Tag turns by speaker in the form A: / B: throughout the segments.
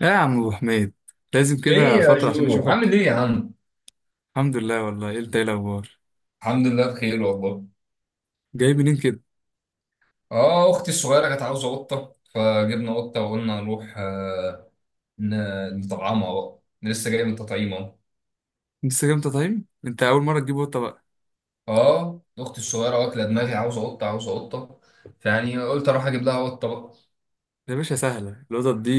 A: لا يا عم ابو حميد، لازم
B: ايه
A: كده
B: يا
A: فترة عشان
B: جو؟ عامل
A: اشوفك.
B: ايه يا عم؟
A: الحمد لله والله. ايه؟ انت ايه الاخبار؟
B: الحمد لله، بخير والله.
A: جاي منين كده؟
B: اه، اختي الصغيره كانت عاوزه قطه، فجبنا قطه وقلنا نروح نطعمها بقى، لسه جاي من تطعيم اهو.
A: لسه جامد طايم. انت اول مرة تجيب قطة بقى؟
B: اه، اختي الصغيره واكله دماغي عاوزه قطه عاوزه قطه، فيعني قلت اروح اجيب لها قطه بقى.
A: يا باشا، سهلة القطط دي.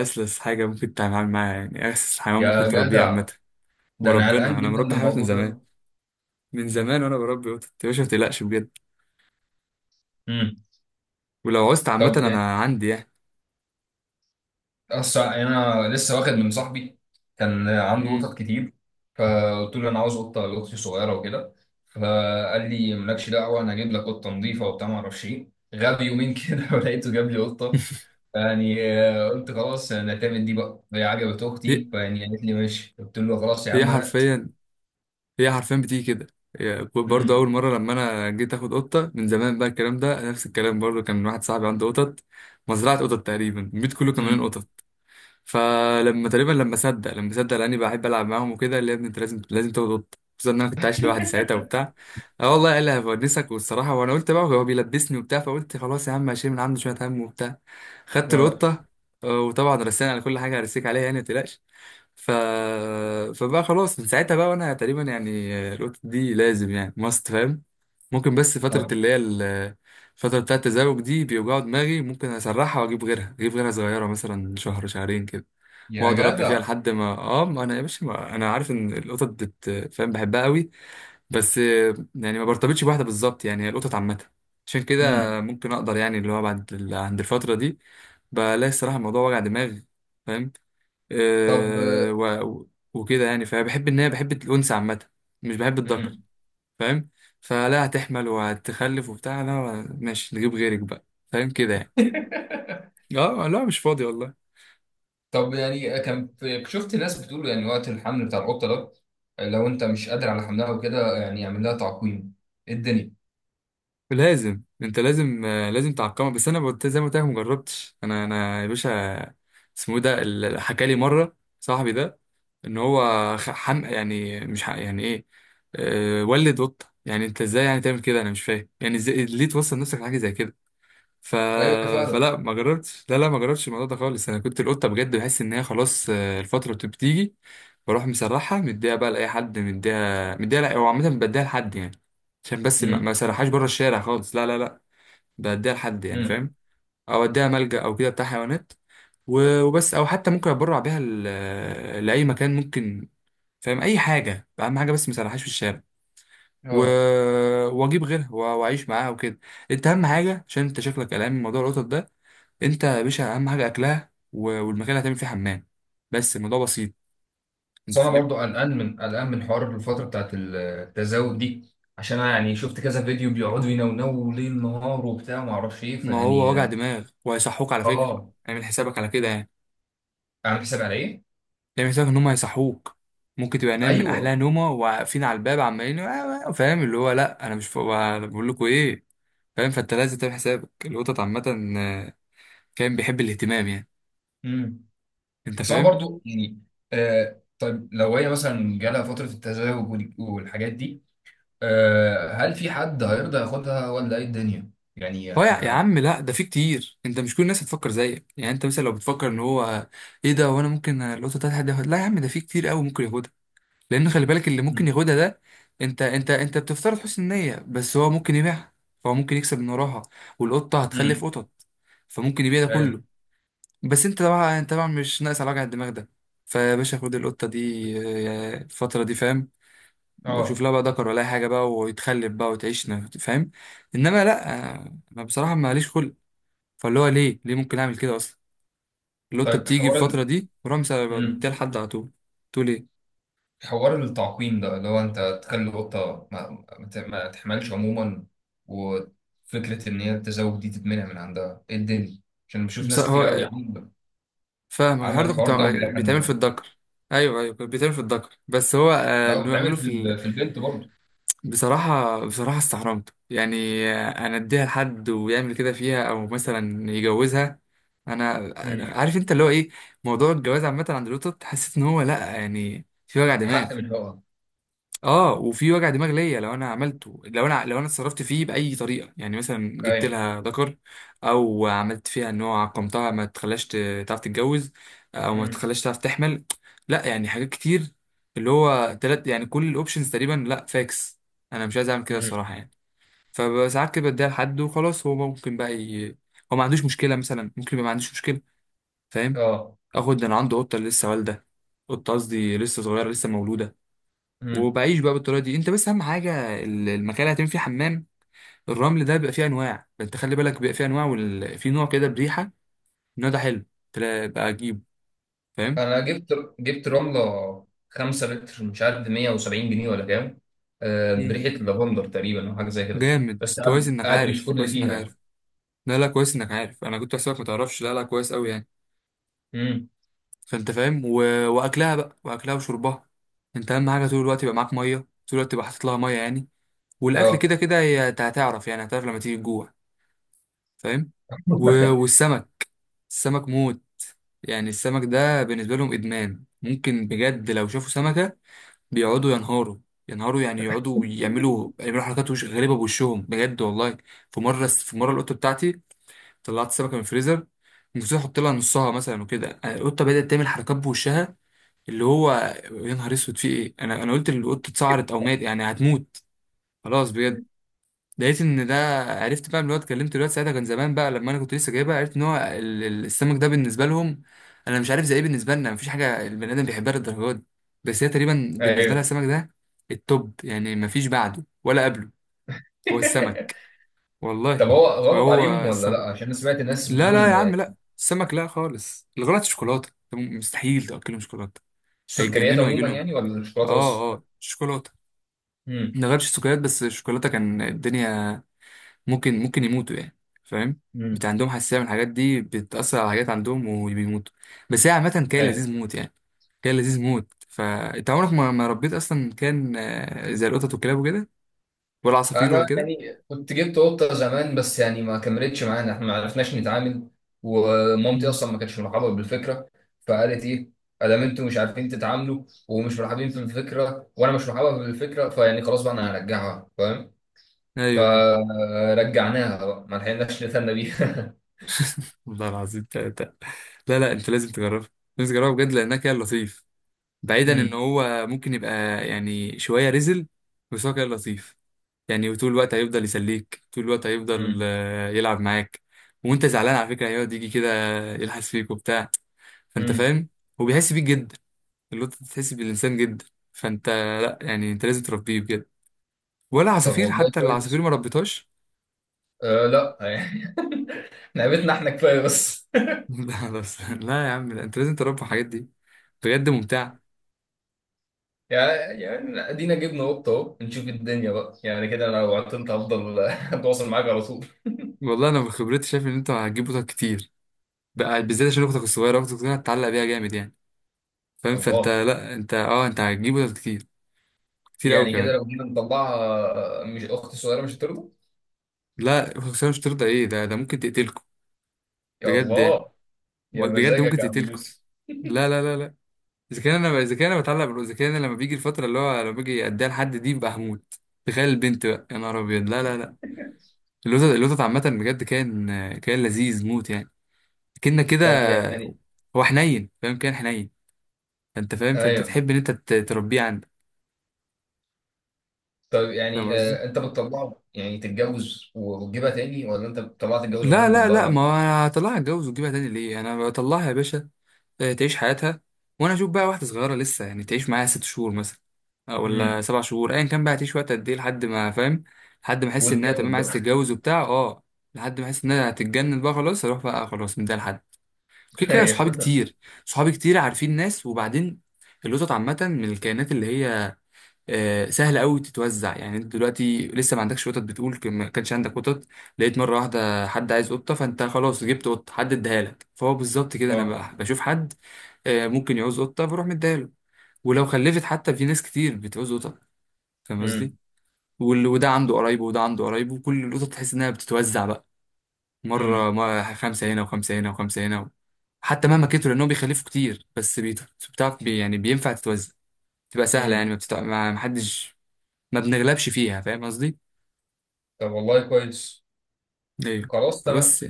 A: اسلس حاجة ممكن تتعامل معاها، يعني اسلس حيوان
B: يا
A: ممكن تربيه عامة.
B: جدع، ده انا قلقان
A: وربنا انا
B: جدا من
A: مربي حيوانات من
B: الموضوع
A: زمان،
B: ده.
A: من زمان وانا بربي قطط يا باشا، ما تقلقش بجد.
B: امم.
A: ولو عوزت عامة
B: طب،
A: انا عندي يعني.
B: أصل أنا لسه واخد من صاحبي، كان عنده
A: مم.
B: قطط كتير، فقلت له أنا عاوز قطة لأختي صغيرة وكده، فقال لي مالكش دعوة، أنا هجيب لك قطة نظيفة وبتاع، معرفش إيه، غاب يومين كده ولقيته جاب لي قطة. يعني، قلت خلاص أنا هتعمل دي بقى، هي عجبت
A: هي
B: أختي، فيعني قالت لي ماشي، قلت له خلاص يا
A: هي
B: عم هات.
A: حرفيا هي حرفيا بتيجي كده. يعني برضه
B: أمم.
A: اول مره لما انا جيت اخد قطه من زمان بقى، الكلام ده نفس الكلام برضه، كان واحد صاحبي عنده قطط، مزرعه قطط تقريبا، البيت كله كان مليان
B: أمم.
A: قطط. فلما تقريبا لما صدق لاني بحب العب معاهم وكده، قال لي يا ابني انت لازم تاخد قطه، خصوصا ان انا كنت عايش لوحدي ساعتها وبتاع. اه والله قال لي هبونسك والصراحه، وانا قلت بقى هو بيلبسني وبتاع، فقلت خلاص يا عم هشيل من عنده شويه هم وبتاع. خدت
B: آه.
A: القطه. وطبعا رسينا على كل حاجه، هرسيك عليها يعني متقلقش. ف... فبقى خلاص من ساعتها بقى، وانا تقريبا يعني القطط دي لازم يعني ماست. فاهم؟ ممكن بس فترة
B: طب،
A: اللي هي الفترة بتاعة التزاوج دي بيوجعوا دماغي، ممكن اسرحها واجيب غيرها، اجيب غيرها صغيرة مثلا شهر شهرين كده،
B: يا
A: واقعد اربي فيها
B: جدع.
A: لحد ما اه ما انا يا باشا، ما... انا عارف ان القطط فاهم بحبها قوي، بس يعني ما برتبطش بواحدة بالظبط، يعني هي القطط عامة. عشان
B: أمم.
A: كده ممكن اقدر يعني اللي هو بعد عند الفترة دي بلاقي الصراحة الموضوع وجع دماغ. فاهم؟
B: طب.
A: آه، و- وكده يعني، فبحب ان هي بحب الانثى عامه، مش بحب الذكر.
B: أمم.
A: فاهم؟ فلا هتحمل وهتخلف وبتاع، لا ماشي نجيب غيرك بقى. فاهم كده يعني. اه لا مش فاضي والله.
B: طب يعني، شفت ناس بتقول يعني وقت الحمل بتاع القطه ده، لو انت مش قادر على حملها وكده يعني اعمل لها تعقيم. إيه الدنيا؟
A: لازم انت لازم لازم تعقمها، بس انا قلت زي ما قلت لك، ما جربتش انا انا يا باشا. اسمه إيه ده حكى لي مره صاحبي ده ان هو خ- حم يعني مش حق يعني ايه، ولد قطه يعني انت ازاي يعني تعمل كده، انا مش فاهم يعني ازاي ليه توصل نفسك لحاجه زي كده. ف...
B: ايوه فعلا.
A: فلا ما جربتش، لا لا ما جربتش الموضوع ده خالص. انا كنت القطه بجد بحس ان هي خلاص الفتره بتيجي، بروح مسرحها مديها بقى لاي حد، مديها مديها، لا هو عامه بديها لحد يعني، عشان بس ما
B: امم.
A: سرحهاش بره الشارع خالص، لا لا لا. بديها لحد يعني،
B: امم.
A: فاهم؟ او اديها ملجأ او كده بتاع حيوانات وبس، او حتى ممكن اتبرع بيها لاي مكان ممكن، فاهم؟ اي حاجه، اهم حاجه بس ما سرحهاش في الشارع. و...
B: اه.
A: واجيب غيرها واعيش معاها وكده. انت اهم حاجه، عشان انت شكلك قلقان من موضوع القطط ده، انت يا باشا اهم حاجه اكلها والمكان اللي هتعمل فيه حمام. بس الموضوع بسيط.
B: بس
A: انت
B: انا
A: فاهم؟
B: برضو قلقان من حوار الفتره بتاعت التزاوج دي، عشان انا يعني شفت كذا فيديو بيقعدوا ينونوا ليل نهار وبتاع، ما اعرفش ايه،
A: ما هو
B: فيعني.
A: وجع دماغ، وهيصحوك على فكره.
B: اه.
A: اعمل حسابك على كده يعني.
B: اعمل حساب على ايه؟
A: اعمل حسابك ان هم هيصحوك. ممكن تبقى نايم من احلى
B: ايوه.
A: نومه، وواقفين على الباب عمالين "آه، آه"، فاهم اللي هو لا، انا مش فوق، أنا بقول لكم ايه. فاهم؟ فانت لازم تعمل حسابك، القطط عامه آه، كان بيحب الاهتمام يعني.
B: امم.
A: انت
B: بس انا
A: فاهم؟
B: برضو يعني، آه، طيب لو هي مثلا جالها فتره التزاوج والحاجات دي، أه، هل في حد هيرضى ياخدها ولا ايه الدنيا؟ يعني
A: هو يا
B: احنا.
A: عم لا، ده في كتير. انت مش كل الناس هتفكر زيك، يعني انت مثلا لو بتفكر ان هو ايه ده وانا ممكن القطه بتاعتي حد ياخد، لا يا عم، ده في كتير قوي ممكن ياخدها. لان خلي بالك اللي ممكن
B: مم.
A: ياخدها ده، انت بتفترض حسن النية، بس هو ممكن يبيعها، فهو ممكن يكسب من وراها، والقطة هتخلف
B: مم.
A: قطط، فممكن يبيع ده
B: ايه.
A: كله. بس انت طبعا انت طبعا مش ناقص على وجع الدماغ ده. فيا باشا خد القطة دي الفترة دي، فاهم؟ وشوف لها
B: اه،
A: بقى ذكر ولا أي حاجة بقى، ويتخلف بقى وتعيش، فاهم؟ انما لا انا بصراحة ماليش خلق. فاللي هو ليه ليه ممكن اعمل كده اصلا؟ القطة
B: طيب
A: بتيجي في الفترة دي ورمسة
B: مم.
A: بديها لحد على طول. تقول ايه؟
B: حوار التعقيم ده اللي هو انت تخلي القطة ما تحملش عموما، وفكرة ان هي التزاوج دي تتمنع من عندها، ايه الدنيا؟ عشان بشوف
A: بس
B: ناس كتير قوي
A: هو
B: عامله
A: فاهمك،
B: عامله
A: الحوار ده كنت
B: الحوار ده ومضايق
A: بيتعمل في
B: عنها.
A: الدكر. ايوه ايوه، كان بيتعمل في الدكر، بس هو
B: لا،
A: انه يعمله في
B: في البنت برضه.
A: بصراحه بصراحه استحرمته يعني، انا اديها لحد ويعمل كده فيها، او مثلا يجوزها. انا أنا
B: مم.
A: عارف انت اللي هو ايه، موضوع الجواز عامه عند لوتو حسيت ان هو لا يعني في وجع دماغ.
B: حق من الحقوق.
A: اه، وفي وجع دماغ ليا لو انا عملته، لو انا اتصرفت فيه باي طريقه، يعني مثلا جبت
B: ايوه.
A: لها ذكر، او عملت فيها ان هو عقمتها، ما تخلاش تعرف تتجوز، او ما
B: مم.
A: تخلاش تعرف تحمل. لا يعني حاجات كتير، اللي هو تلات يعني كل الاوبشنز تقريبا، لا فاكس، انا مش عايز اعمل كده
B: مم.
A: الصراحه يعني. فساعات كده بديها لحد وخلاص. هو ممكن بقى هو ما عندوش مشكله، مثلا ممكن يبقى ما عندوش مشكله. فاهم؟
B: اه،
A: اخد ده، انا عنده قطه لسه والده، قطه قصدي لسه صغيره، لسه مولوده، وبعيش بقى بالطريقه دي. انت بس اهم حاجه المكان اللي هتعمل فيه حمام، الرمل ده بيبقى فيه انواع، انت خلي بالك بيبقى فيه انواع في نوع كده بريحه، النوع ده حلو. بقى اجيبه، فاهم؟
B: انا جبت رمله 5 لتر، مش عارف ب 170 جنيه ولا كام،
A: مم.
B: بريحه لافندر تقريبا او حاجه زي كده.
A: جامد،
B: بس
A: كويس
B: قاعد
A: انك
B: قاعد
A: عارف،
B: بيشكر لي
A: كويس انك
B: فيها.
A: عارف. لا لا كويس انك عارف، انا كنت حاسسك ما تعرفش، لا لا كويس قوي يعني.
B: امم.
A: فانت فاهم واكلها بقى، واكلها وشربها. انت اهم حاجه طول الوقت يبقى معاك ميه، طول الوقت تبقى حاطط لها ميه يعني. والاكل
B: اه.
A: كده كده هي هتعرف يعني، هتعرف لما تيجي الجوع. فاهم؟ و... والسمك، السمك موت، يعني السمك ده بالنسبة لهم إدمان ممكن بجد. لو شافوا سمكة بيقعدوا ينهاروا، ينهاروا يعني، يقعدوا يعملوا حركات وش غريبة بوشهم بجد والله. في مرة القطة بتاعتي طلعت سمكة من الفريزر، نسيت أحط لها نصها مثلا وكده، القطة بدأت تعمل حركات بوشها، اللي هو يا نهار أسود في إيه، أنا قلت القطة اتسعرت أو مات يعني هتموت خلاص بجد. لقيت ان ده عرفت بقى من الواد، كلمت الواد ساعتها كان زمان بقى لما انا كنت لسه جايبها، عرفت ان هو السمك ده بالنسبه لهم انا مش عارف زي ايه، بالنسبه لنا مفيش حاجه البني ادم بيحبها للدرجه دي. بس هي تقريبا بالنسبه لها
B: ايوه.
A: السمك ده التوب، يعني مفيش بعده ولا قبله. هو السمك والله،
B: طب هو غلط عليهم
A: هو
B: ولا لا؟
A: السمك.
B: عشان أنا سمعت الناس
A: لا
B: بتقول
A: لا يا
B: ان
A: عم لا، السمك لا خالص. الغلط الشوكولاته ده، مستحيل تاكلهم شوكولاته،
B: السكريات
A: هيتجننوا، هيجي
B: عموما
A: لهم.
B: يعني، ولا الشوكولاته بس؟
A: اه اه، شوكولاته،
B: امم.
A: ما جربتش السكريات، بس الشوكولاته كان الدنيا، ممكن يموتوا يعني. فاهم؟
B: امم.
A: بتاع عندهم حساسية من الحاجات دي، بتأثر على حاجات عندهم وبيموتوا. بس هي عامة كان لذيذ موت يعني، كان لذيذ موت. فأنت عمرك ما ربيت أصلا كان زي القطط والكلاب وكده، ولا عصافير
B: انا
A: ولا كده؟
B: يعني كنت جبت قطه زمان، بس يعني ما كملتش معانا، احنا ما عرفناش نتعامل، ومامتي
A: مم.
B: اصلا ما كانتش مرحبه بالفكره. فقالت ايه؟ ادام انتوا مش عارفين تتعاملوا ومش مرحبين في الفكره، وانا مش مرحبه بالفكره، فيعني خلاص بقى انا هرجعها، فاهم.
A: أيوه أيوه،
B: فرجعناها بقى، ما لحقناش نتهنى بيها.
A: والله العظيم تلاتة. لا لا أنت لازم تجربه، لازم تجربه بجد، لأنها كان لطيف، بعيدا إن
B: مم.
A: هو ممكن يبقى يعني شوية رزل، بس هو كان لطيف يعني. وطول الوقت هيفضل يسليك، طول الوقت هيفضل
B: مم.
A: يلعب معاك. وانت زعلان على فكره هيقعد يجي كده يلحس فيك وبتاع، فانت
B: مم.
A: فاهم؟ هو بيحس بيك جدا، اللي انت بتحس بالانسان جدا. فانت لا يعني، انت لازم تربيه بجد، ولا
B: طب
A: عصافير،
B: والله
A: حتى العصافير
B: كويس.
A: ما ربيتهاش؟
B: آه، لا يعني لعبتنا احنا كفايه بس.
A: لا بس لا يا عم، لا انت لازم تربي الحاجات دي بجد، ممتعه.
B: يعني ادينا جبنا قطه اهو، نشوف الدنيا بقى، يعني كده انا لو عطلت هفضل اتواصل معاك على طول.
A: والله انا من خبرتي شايف ان انت هتجيب قطط كتير بقى، بالذات عشان اختك الصغيره، اختك الصغيره هتتعلق بيها جامد يعني. فاهم؟ فانت
B: الله.
A: لا، انت هتجيب قطط كتير، كتير قوي
B: يعني كده
A: كمان.
B: لو جينا نطلعها مش اختي الصغيره مش هترضى.
A: لا خسارة مش ترضى ايه ده ممكن تقتلكم
B: يا
A: بجد يعني،
B: الله. يا
A: بجد
B: مزاجك
A: ممكن
B: يا عم
A: تقتلكم،
B: يوسف.
A: لا لا لا لا. اذا كان انا اذا كان انا بتعلق بالو اذا كان أنا لما بيجي الفترة اللي هو لما باجي اديها لحد دي ببقى هموت. تخيل البنت بقى يا نهار ابيض، لا لا لا. اللوتس، اللوتس عامة بجد كان، كان لذيذ موت يعني. كنا كده،
B: طب يعني.
A: هو حنين فاهم، كان حنين. فانت فاهم؟ فانت
B: ايوه.
A: تحب ان انت تربيه عندك.
B: طب
A: فاهم
B: يعني
A: قصدي؟
B: انت بتطلعه يعني تتجوز وتجيبها تاني، ولا انت بتطلعها تتجوز
A: لا
B: عموما
A: لا
B: بقى؟
A: لا،
B: ما.
A: ما انا هطلعها اتجوز وتجيبها تاني ليه؟ انا بطلعها يا باشا تعيش حياتها، وانا اشوف بقى واحده صغيره لسه يعني تعيش معايا 6 شهور مثلا ولا
B: امم.
A: 7 شهور ايا كان بقى، هتعيش وقت قد ايه لحد ما، فاهم؟ لحد ما احس انها تمام
B: وتجدد
A: عايزه
B: بقى.
A: تتجوز وبتاع. اه لحد ما احس انها هتتجنن بقى خلاص، اروح بقى خلاص من ده لحد كده. كده صحابي
B: ايوه.
A: كتير، صحابي كتير عارفين ناس. وبعدين القطط عامه من الكائنات اللي هي سهله قوي تتوزع. يعني انت دلوقتي لسه ما عندكش قطط، بتقول ما كانش عندك قطط، لقيت مره واحده حد عايز قطه فانت خلاص جبت قطه، حد اداها لك. فهو بالظبط كده انا
B: اه.
A: بقى بشوف حد ممكن يعوز قطه بروح مديها له، ولو خلفت حتى في ناس كتير بتعوز قطط. فاهم قصدي؟
B: امم.
A: وده عنده قرايبه وده عنده قرايبه، وكل القطط تحس انها بتتوزع بقى.
B: امم.
A: مره ما خمسه هنا وخمسه هنا وخمسه هنا، حتى مهما كتروا لانهم بيخلفوا كتير، بس بتعرف بي يعني بينفع تتوزع، تبقى سهله يعني،
B: امم.
A: ما ما حدش ما بنغلبش فيها، فاهم قصدي؟
B: طب والله كويس.
A: ايوه
B: خلاص تمام.
A: بس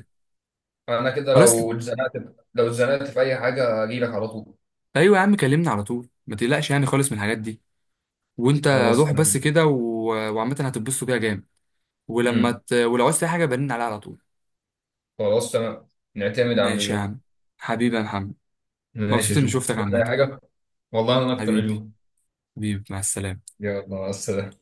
B: انا كده
A: خلاص.
B: لو اتزنقت في اي حاجه اجيلك على طول.
A: ايوه يا عم، كلمني على طول، ما تقلقش يعني خالص من الحاجات دي. وانت
B: خلاص
A: روح
B: تمام.
A: بس كده وعامة هتتبسطوا بيها جامد. ولما
B: امم.
A: ولو عايز تلاقي حاجة برن عليها على طول.
B: خلاص تمام. نعتمد على
A: ماشي يا
B: جو.
A: عم، حبيبي يا محمد،
B: ماشي
A: مبسوط
B: يا
A: اني
B: جو.
A: شفتك
B: تقول
A: عامة.
B: اي حاجه. والله انا اكتر يا
A: حبيبي،
B: جو.
A: حبيبي، مع السلامة.
B: يلا، مع السلامة.